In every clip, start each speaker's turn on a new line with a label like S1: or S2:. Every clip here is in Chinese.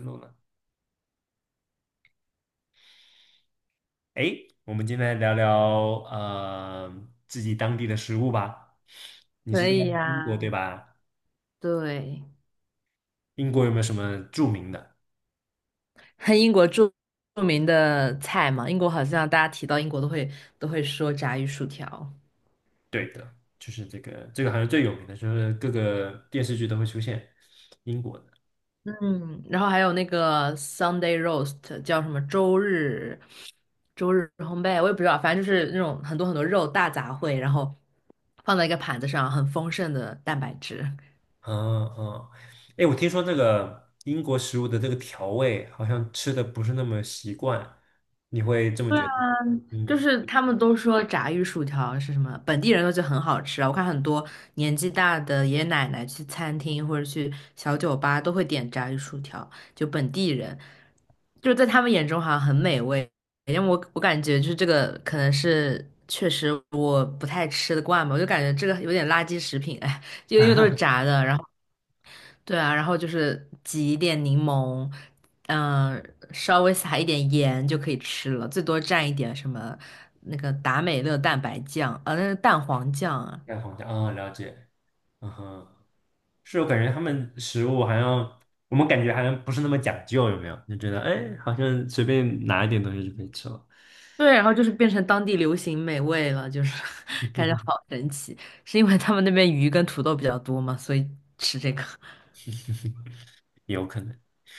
S1: 录了。诶，我们今天来聊聊自己当地的食物吧。你是
S2: 可
S1: 在
S2: 以
S1: 英国对
S2: 呀、
S1: 吧？
S2: 对，
S1: 英国有没有什么著名的？
S2: 很英国著著名的菜嘛，英国好像大家提到英国都会都会说炸鱼薯条。
S1: 对的，就是这个好像最有名的，就是各个电视剧都会出现英国的。
S2: 嗯，然后还有那个 Sunday roast 叫什么周日烘焙，我也不知道，反正就是那种很多很多肉大杂烩，然后放在一个盘子上，很丰盛的蛋白质。
S1: 嗯嗯。诶，我听说这个英国食物的这个调味好像吃的不是那么习惯，你会这么觉得？
S2: 就
S1: 嗯。
S2: 是他们都说炸鱼薯条是什么，本地人都觉得很好吃啊。我看很多年纪大的爷爷奶奶去餐厅或者去小酒吧都会点炸鱼薯条，就本地人，就在他们眼中好像很美味。因为我感觉就是这个可能是确实我不太吃得惯吧，我就感觉这个有点垃圾食品，哎，就因为都是炸的，然后。对啊，然后就是挤一点柠檬，嗯、稍微撒一点盐就可以吃了，最多蘸一点什么那个达美乐蛋白酱，啊，那个蛋黄酱啊。
S1: 蛋黄酱啊，了解。嗯哼。是我感觉他们食物好像我们感觉好像不是那么讲究，有没有？就觉得哎，好像随便拿一点东西就可以吃了，
S2: 对，然后就是变成当地流行美味了，就是 感觉好神奇。是因为他们那边鱼跟土豆比较多嘛，所以吃这个。
S1: 也有可能。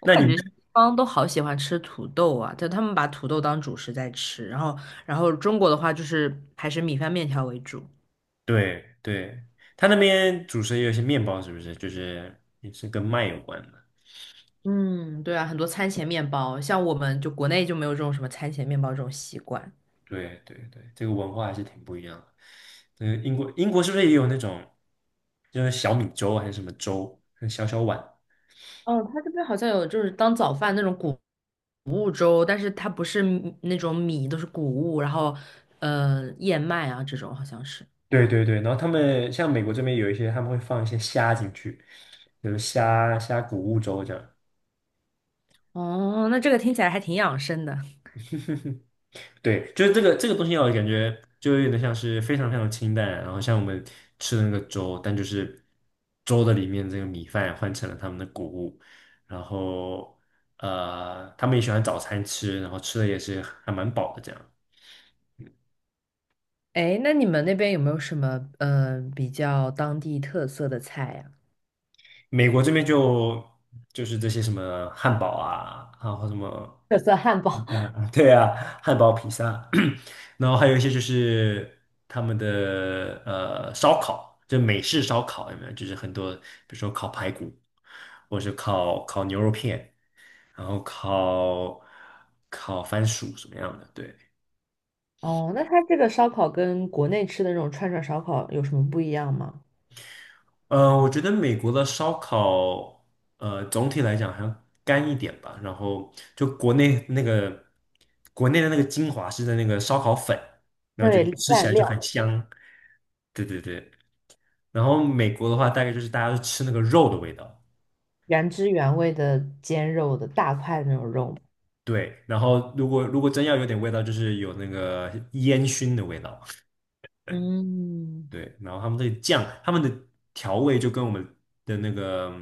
S2: 我
S1: 那你
S2: 感
S1: 们
S2: 觉西方都好喜欢吃土豆啊，就他们把土豆当主食在吃，然后然后中国的话就是还是米饭面条为主。
S1: 对对，他那边主食也有一些面包，是不是？就是也是跟麦有关的。
S2: 嗯，对啊，很多餐前面包，像我们就国内就没有这种什么餐前面包这种习惯。
S1: 对对对，这个文化还是挺不一样的。嗯，英国是不是也有那种就是小米粥还是什么粥，小小碗？
S2: 哦，他这边好像有就是当早饭那种谷物粥，但是它不是米那种米，都是谷物，然后燕麦啊这种好像是。
S1: 对对对，然后他们像美国这边有一些，他们会放一些虾进去，就是虾谷物粥这样。
S2: 哦，那这个听起来还挺养生的。
S1: 对，就是这个东西让我感觉就有点像是非常非常清淡，然后像我们吃的那个粥，但就是粥的里面这个米饭换成了他们的谷物，然后他们也喜欢早餐吃，然后吃的也是还蛮饱的这样。
S2: 哎，那你们那边有没有什么比较当地特色的菜呀、
S1: 美国这边就是这些什么汉堡啊，然后什么。
S2: 特色汉
S1: 披
S2: 堡。
S1: 萨，啊对啊，汉堡、披萨，然后还有一些就是他们的烧烤，就美式烧烤有没有？就是很多，比如说烤排骨，或者是烤牛肉片，然后烤番薯什么样的？对。
S2: 哦，那它这个烧烤跟国内吃的那种串串烧烤有什么不一样吗？
S1: 我觉得美国的烧烤，总体来讲好像干一点吧，然后就国内的那个精华是在那个烧烤粉，然后就
S2: 对，
S1: 吃起
S2: 蘸
S1: 来就很
S2: 料。
S1: 香。对对对。然后美国的话，大概就是大家都吃那个肉的味道。
S2: 原汁原味的煎肉的大块的那种肉。
S1: 对。然后如果真要有点味道，就是有那个烟熏的味道。
S2: 嗯，
S1: 对。然后他们这个酱，他们的调味就跟我们的那个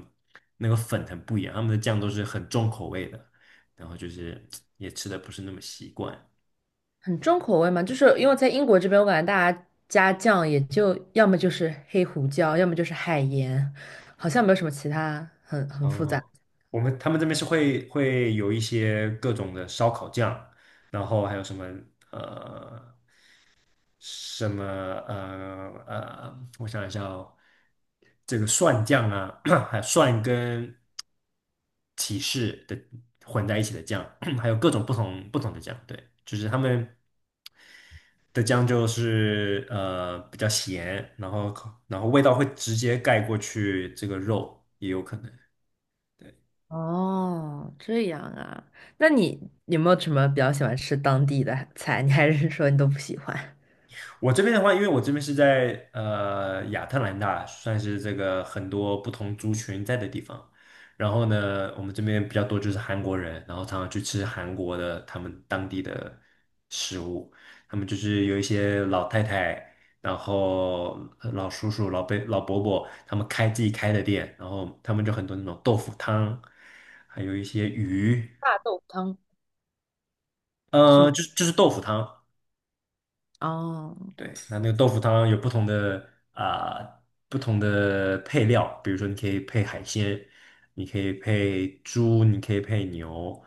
S1: 那个粉很不一样，他们的酱都是很重口味的，然后就是也吃的不是那么习惯。
S2: 很重口味嘛，就是因为在英国这边，我感觉大家加酱也就要么就是黑胡椒，要么就是海盐，好像没有什么其他很复杂。
S1: 哦，我们他们这边是会有一些各种的烧烤酱，然后还有什么呃什么我想一下哦，这个蒜酱啊，还有蒜跟，是的，混在一起的酱，还有各种不同的酱。对，就是他们的酱就是比较咸，然后味道会直接盖过去这个肉，也有可能。对。
S2: 哦，这样啊，那你有没有什么比较喜欢吃当地的菜？你还是说你都不喜欢？
S1: 我这边的话，因为我这边是在亚特兰大，算是这个很多不同族群在的地方。然后呢，我们这边比较多就是韩国人，然后常常去吃韩国的他们当地的食物。他们就是有一些老太太，然后老叔叔、老伯、老伯伯，他们开自己开的店，然后他们就很多那种豆腐汤，还有一些鱼。
S2: 大豆汤是吗？
S1: 就是豆腐汤。
S2: 哦，
S1: 对，那个豆腐汤有不同的啊、不同的配料，比如说你可以配海鲜，你可以配猪，你可以配牛，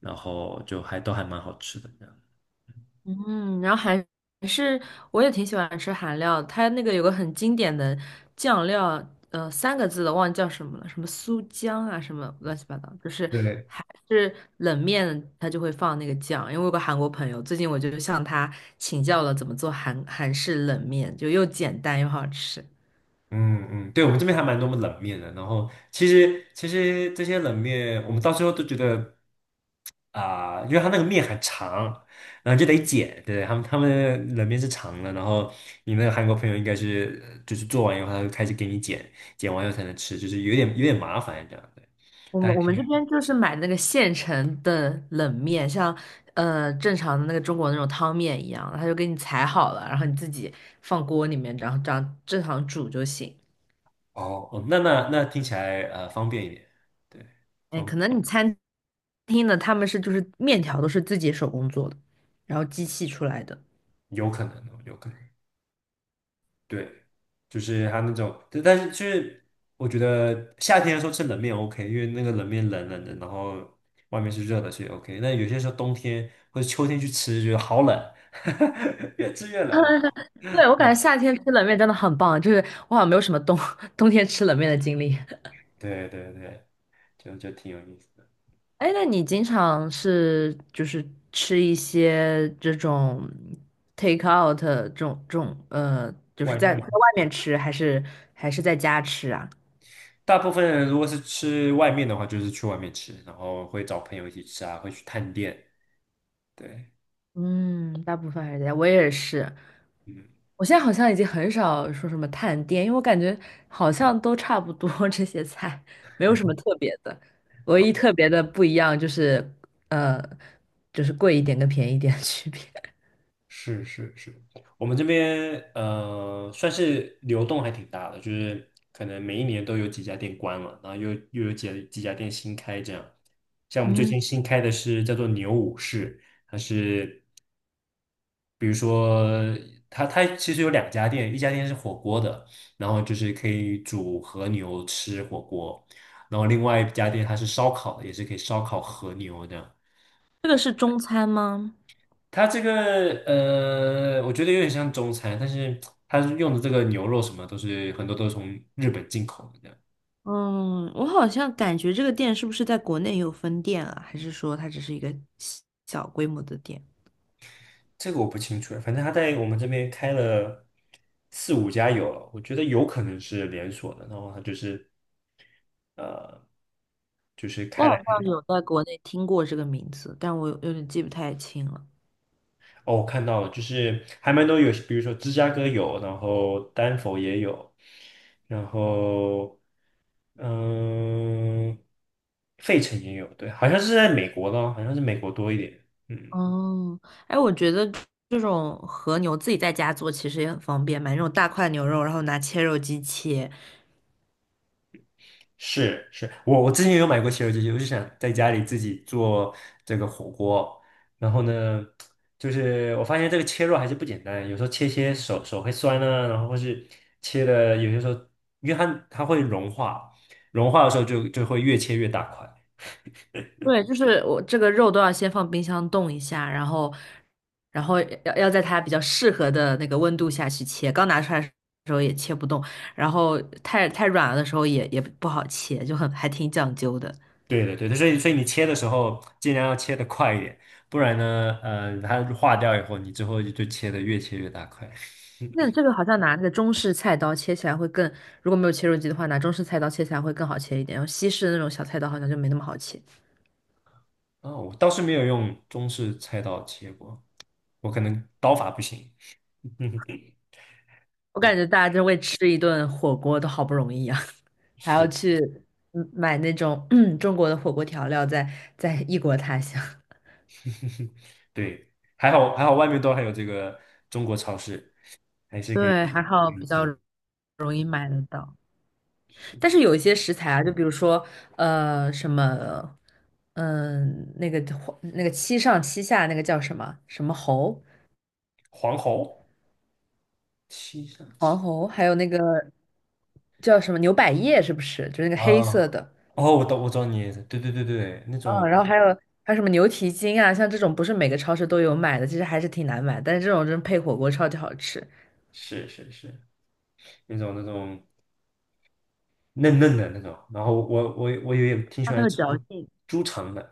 S1: 然后就还都还蛮好吃的这样。
S2: 嗯，然后是我也挺喜欢吃韩料的，它那个有个很经典的酱料，三个字的忘记叫什么了，什么苏姜啊，什么乱七八糟，就是
S1: 对。
S2: 还是冷面它就会放那个酱。因为我有个韩国朋友，最近我就向他请教了怎么做韩式冷面，就又简单又好吃。
S1: 嗯嗯，对，我们这边还蛮多冷面的，然后其实这些冷面，我们到最后都觉得。啊，因为它那个面很长，然后就得剪。对，他们冷面是长的，然后你那个韩国朋友应该是就是做完以后，他就开始给你剪，剪完以后才能吃，就是有点麻烦这样。对。但
S2: 我们这边就是买那个现成的冷面，像正常的那个中国那种汤面一样，他就给你裁好了，然后你自己放锅里面，然后这样正常煮就行。
S1: 哦,那听起来方便一点。对，
S2: 哎，
S1: 方
S2: 可能你餐厅的他们是就是面条都是自己手工做的，然后机器出来的。
S1: 有可能。对，就是它那种，但是就是我觉得夏天的时候吃冷面 OK,因为那个冷面冷冷的，然后外面是热的，所以 OK。那有些时候冬天或者秋天去吃，觉得好冷，越吃越冷了。
S2: 对，我感觉夏天吃冷面真的很棒，就是我好像没有什么冬 冬天吃冷面的经历。
S1: 对对对，就挺有意思的。
S2: 哎，那你经常是就是吃一些这种 take out 这种就是
S1: 外
S2: 在
S1: 卖，
S2: 外面吃，还是还是在家吃啊？
S1: 大部分人如果是吃外面的话，就是去外面吃，然后会找朋友一起吃啊，会去探店。对。
S2: 嗯，大部分还是在家，我也是。
S1: 嗯。
S2: 我现在好像已经很少说什么探店，因为我感觉好像都差不多 这些菜，没有什么特别的。唯一特别的不一样就是，呃，就是贵一点跟便宜一点的区别。
S1: 是是是，我们这边算是流动还挺大的，就是可能每一年都有几家店关了，然后又有几家店新开这样。像我们最
S2: 嗯，
S1: 近新开的是叫做牛武士，比如说它其实有两家店，一家店是火锅的，然后就是可以煮和牛吃火锅，然后另外一家店它是烧烤的，也是可以烧烤和牛的。
S2: 这个是中餐吗？
S1: 它这个我觉得有点像中餐，但是它用的这个牛肉什么很多都是从日本进口的这样。
S2: 嗯，我好像感觉这个店是不是在国内也有分店啊？还是说它只是一个小小规模的店？
S1: 这个我不清楚，反正它在我们这边开了四五家有了，我觉得有可能是连锁的。然后它就是
S2: 我好像有在国内听过这个名字，但我有点记不太清了。
S1: 哦，我看到了，就是还蛮多有，比如说芝加哥有，然后丹佛也有，然后嗯，费城也有。对，好像是在美国的，哦，好像是美国多一点。嗯。
S2: 哦，哎，我觉得这种和牛自己在家做其实也很方便，买那种大块牛肉，然后拿切肉机切，
S1: 是是，我之前也有买过西游记，我就想在家里自己做这个火锅。然后呢，就是我发现这个切肉还是不简单，有时候切手会酸啊，然后或是切的有些时候，因为它会融化，融化的时候就会越切越大块。
S2: 对，就是我这个肉都要先放冰箱冻一下，然后，然后要在它比较适合的那个温度下去切。刚拿出来的时候也切不动，然后太软了的时候也不好切，就很还挺讲究的。
S1: 对的对的，所以你切的时候尽量要切的快一点，不然呢，它化掉以后，你之后就切的越切越大块。
S2: 那这个好像拿那个中式菜刀切起来会更，如果没有切肉机的话，拿中式菜刀切起来会更好切一点，然后西式的那种小菜刀好像就没那么好切。
S1: 哦，我倒是没有用中式菜刀切过，我可能刀法不行。嗯。
S2: 我
S1: 啊，
S2: 感觉大家就为吃一顿火锅都好不容易啊，还要
S1: 是。
S2: 去嗯买那种 嗯中国的火锅调料在，在异国他乡。
S1: 对，还好还好，外面都还有这个中国超市，还 是可以。
S2: 对，还好
S1: 嗯，
S2: 比较
S1: 对，
S2: 容易买得到。
S1: 是
S2: 但
S1: 的。
S2: 是有一些食材啊，就比如说呃什么，嗯、那个七上七下那个叫什么什么猴
S1: 黄喉七上七
S2: 黄猴，还有那个叫什么牛百叶，是不是？就是那个黑色
S1: 啊。
S2: 的。
S1: 哦，我懂，我知道你意思，对对对对，那种
S2: 嗯，然后还有还有什么牛蹄筋啊，像这种不是每个超市都有买的，其实还是挺难买，但是这种真配火锅超级好吃。
S1: 是是是，那种嫩嫩的那种，然后我也挺喜
S2: 它很
S1: 欢
S2: 有
S1: 吃
S2: 嚼劲。
S1: 猪肠的。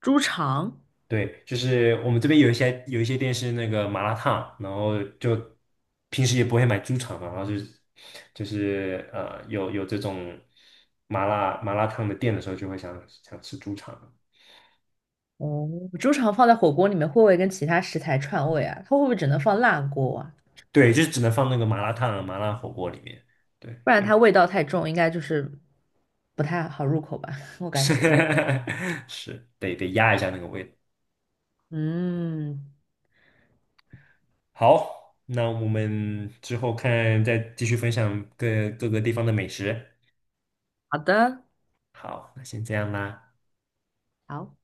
S2: 猪肠，
S1: 对，就是我们这边有一些店是那个麻辣烫，然后就平时也不会买猪肠嘛，然后就是有这种麻辣烫的店的时候，就会想吃猪肠。
S2: 哦，猪肠放在火锅里面会不会跟其他食材串味啊？它会不会只能放辣锅啊？
S1: 对，就是只能放那个麻辣烫啊、麻辣火锅里面。对，
S2: 不然它味道太重，应该就是不太好入口吧，我 感
S1: 是
S2: 觉。
S1: 是得压一下那个味道。
S2: 嗯，
S1: 好，那我们之后看再继续分享各个地方的美食。
S2: 好的，
S1: 好，那先这样啦。
S2: 好。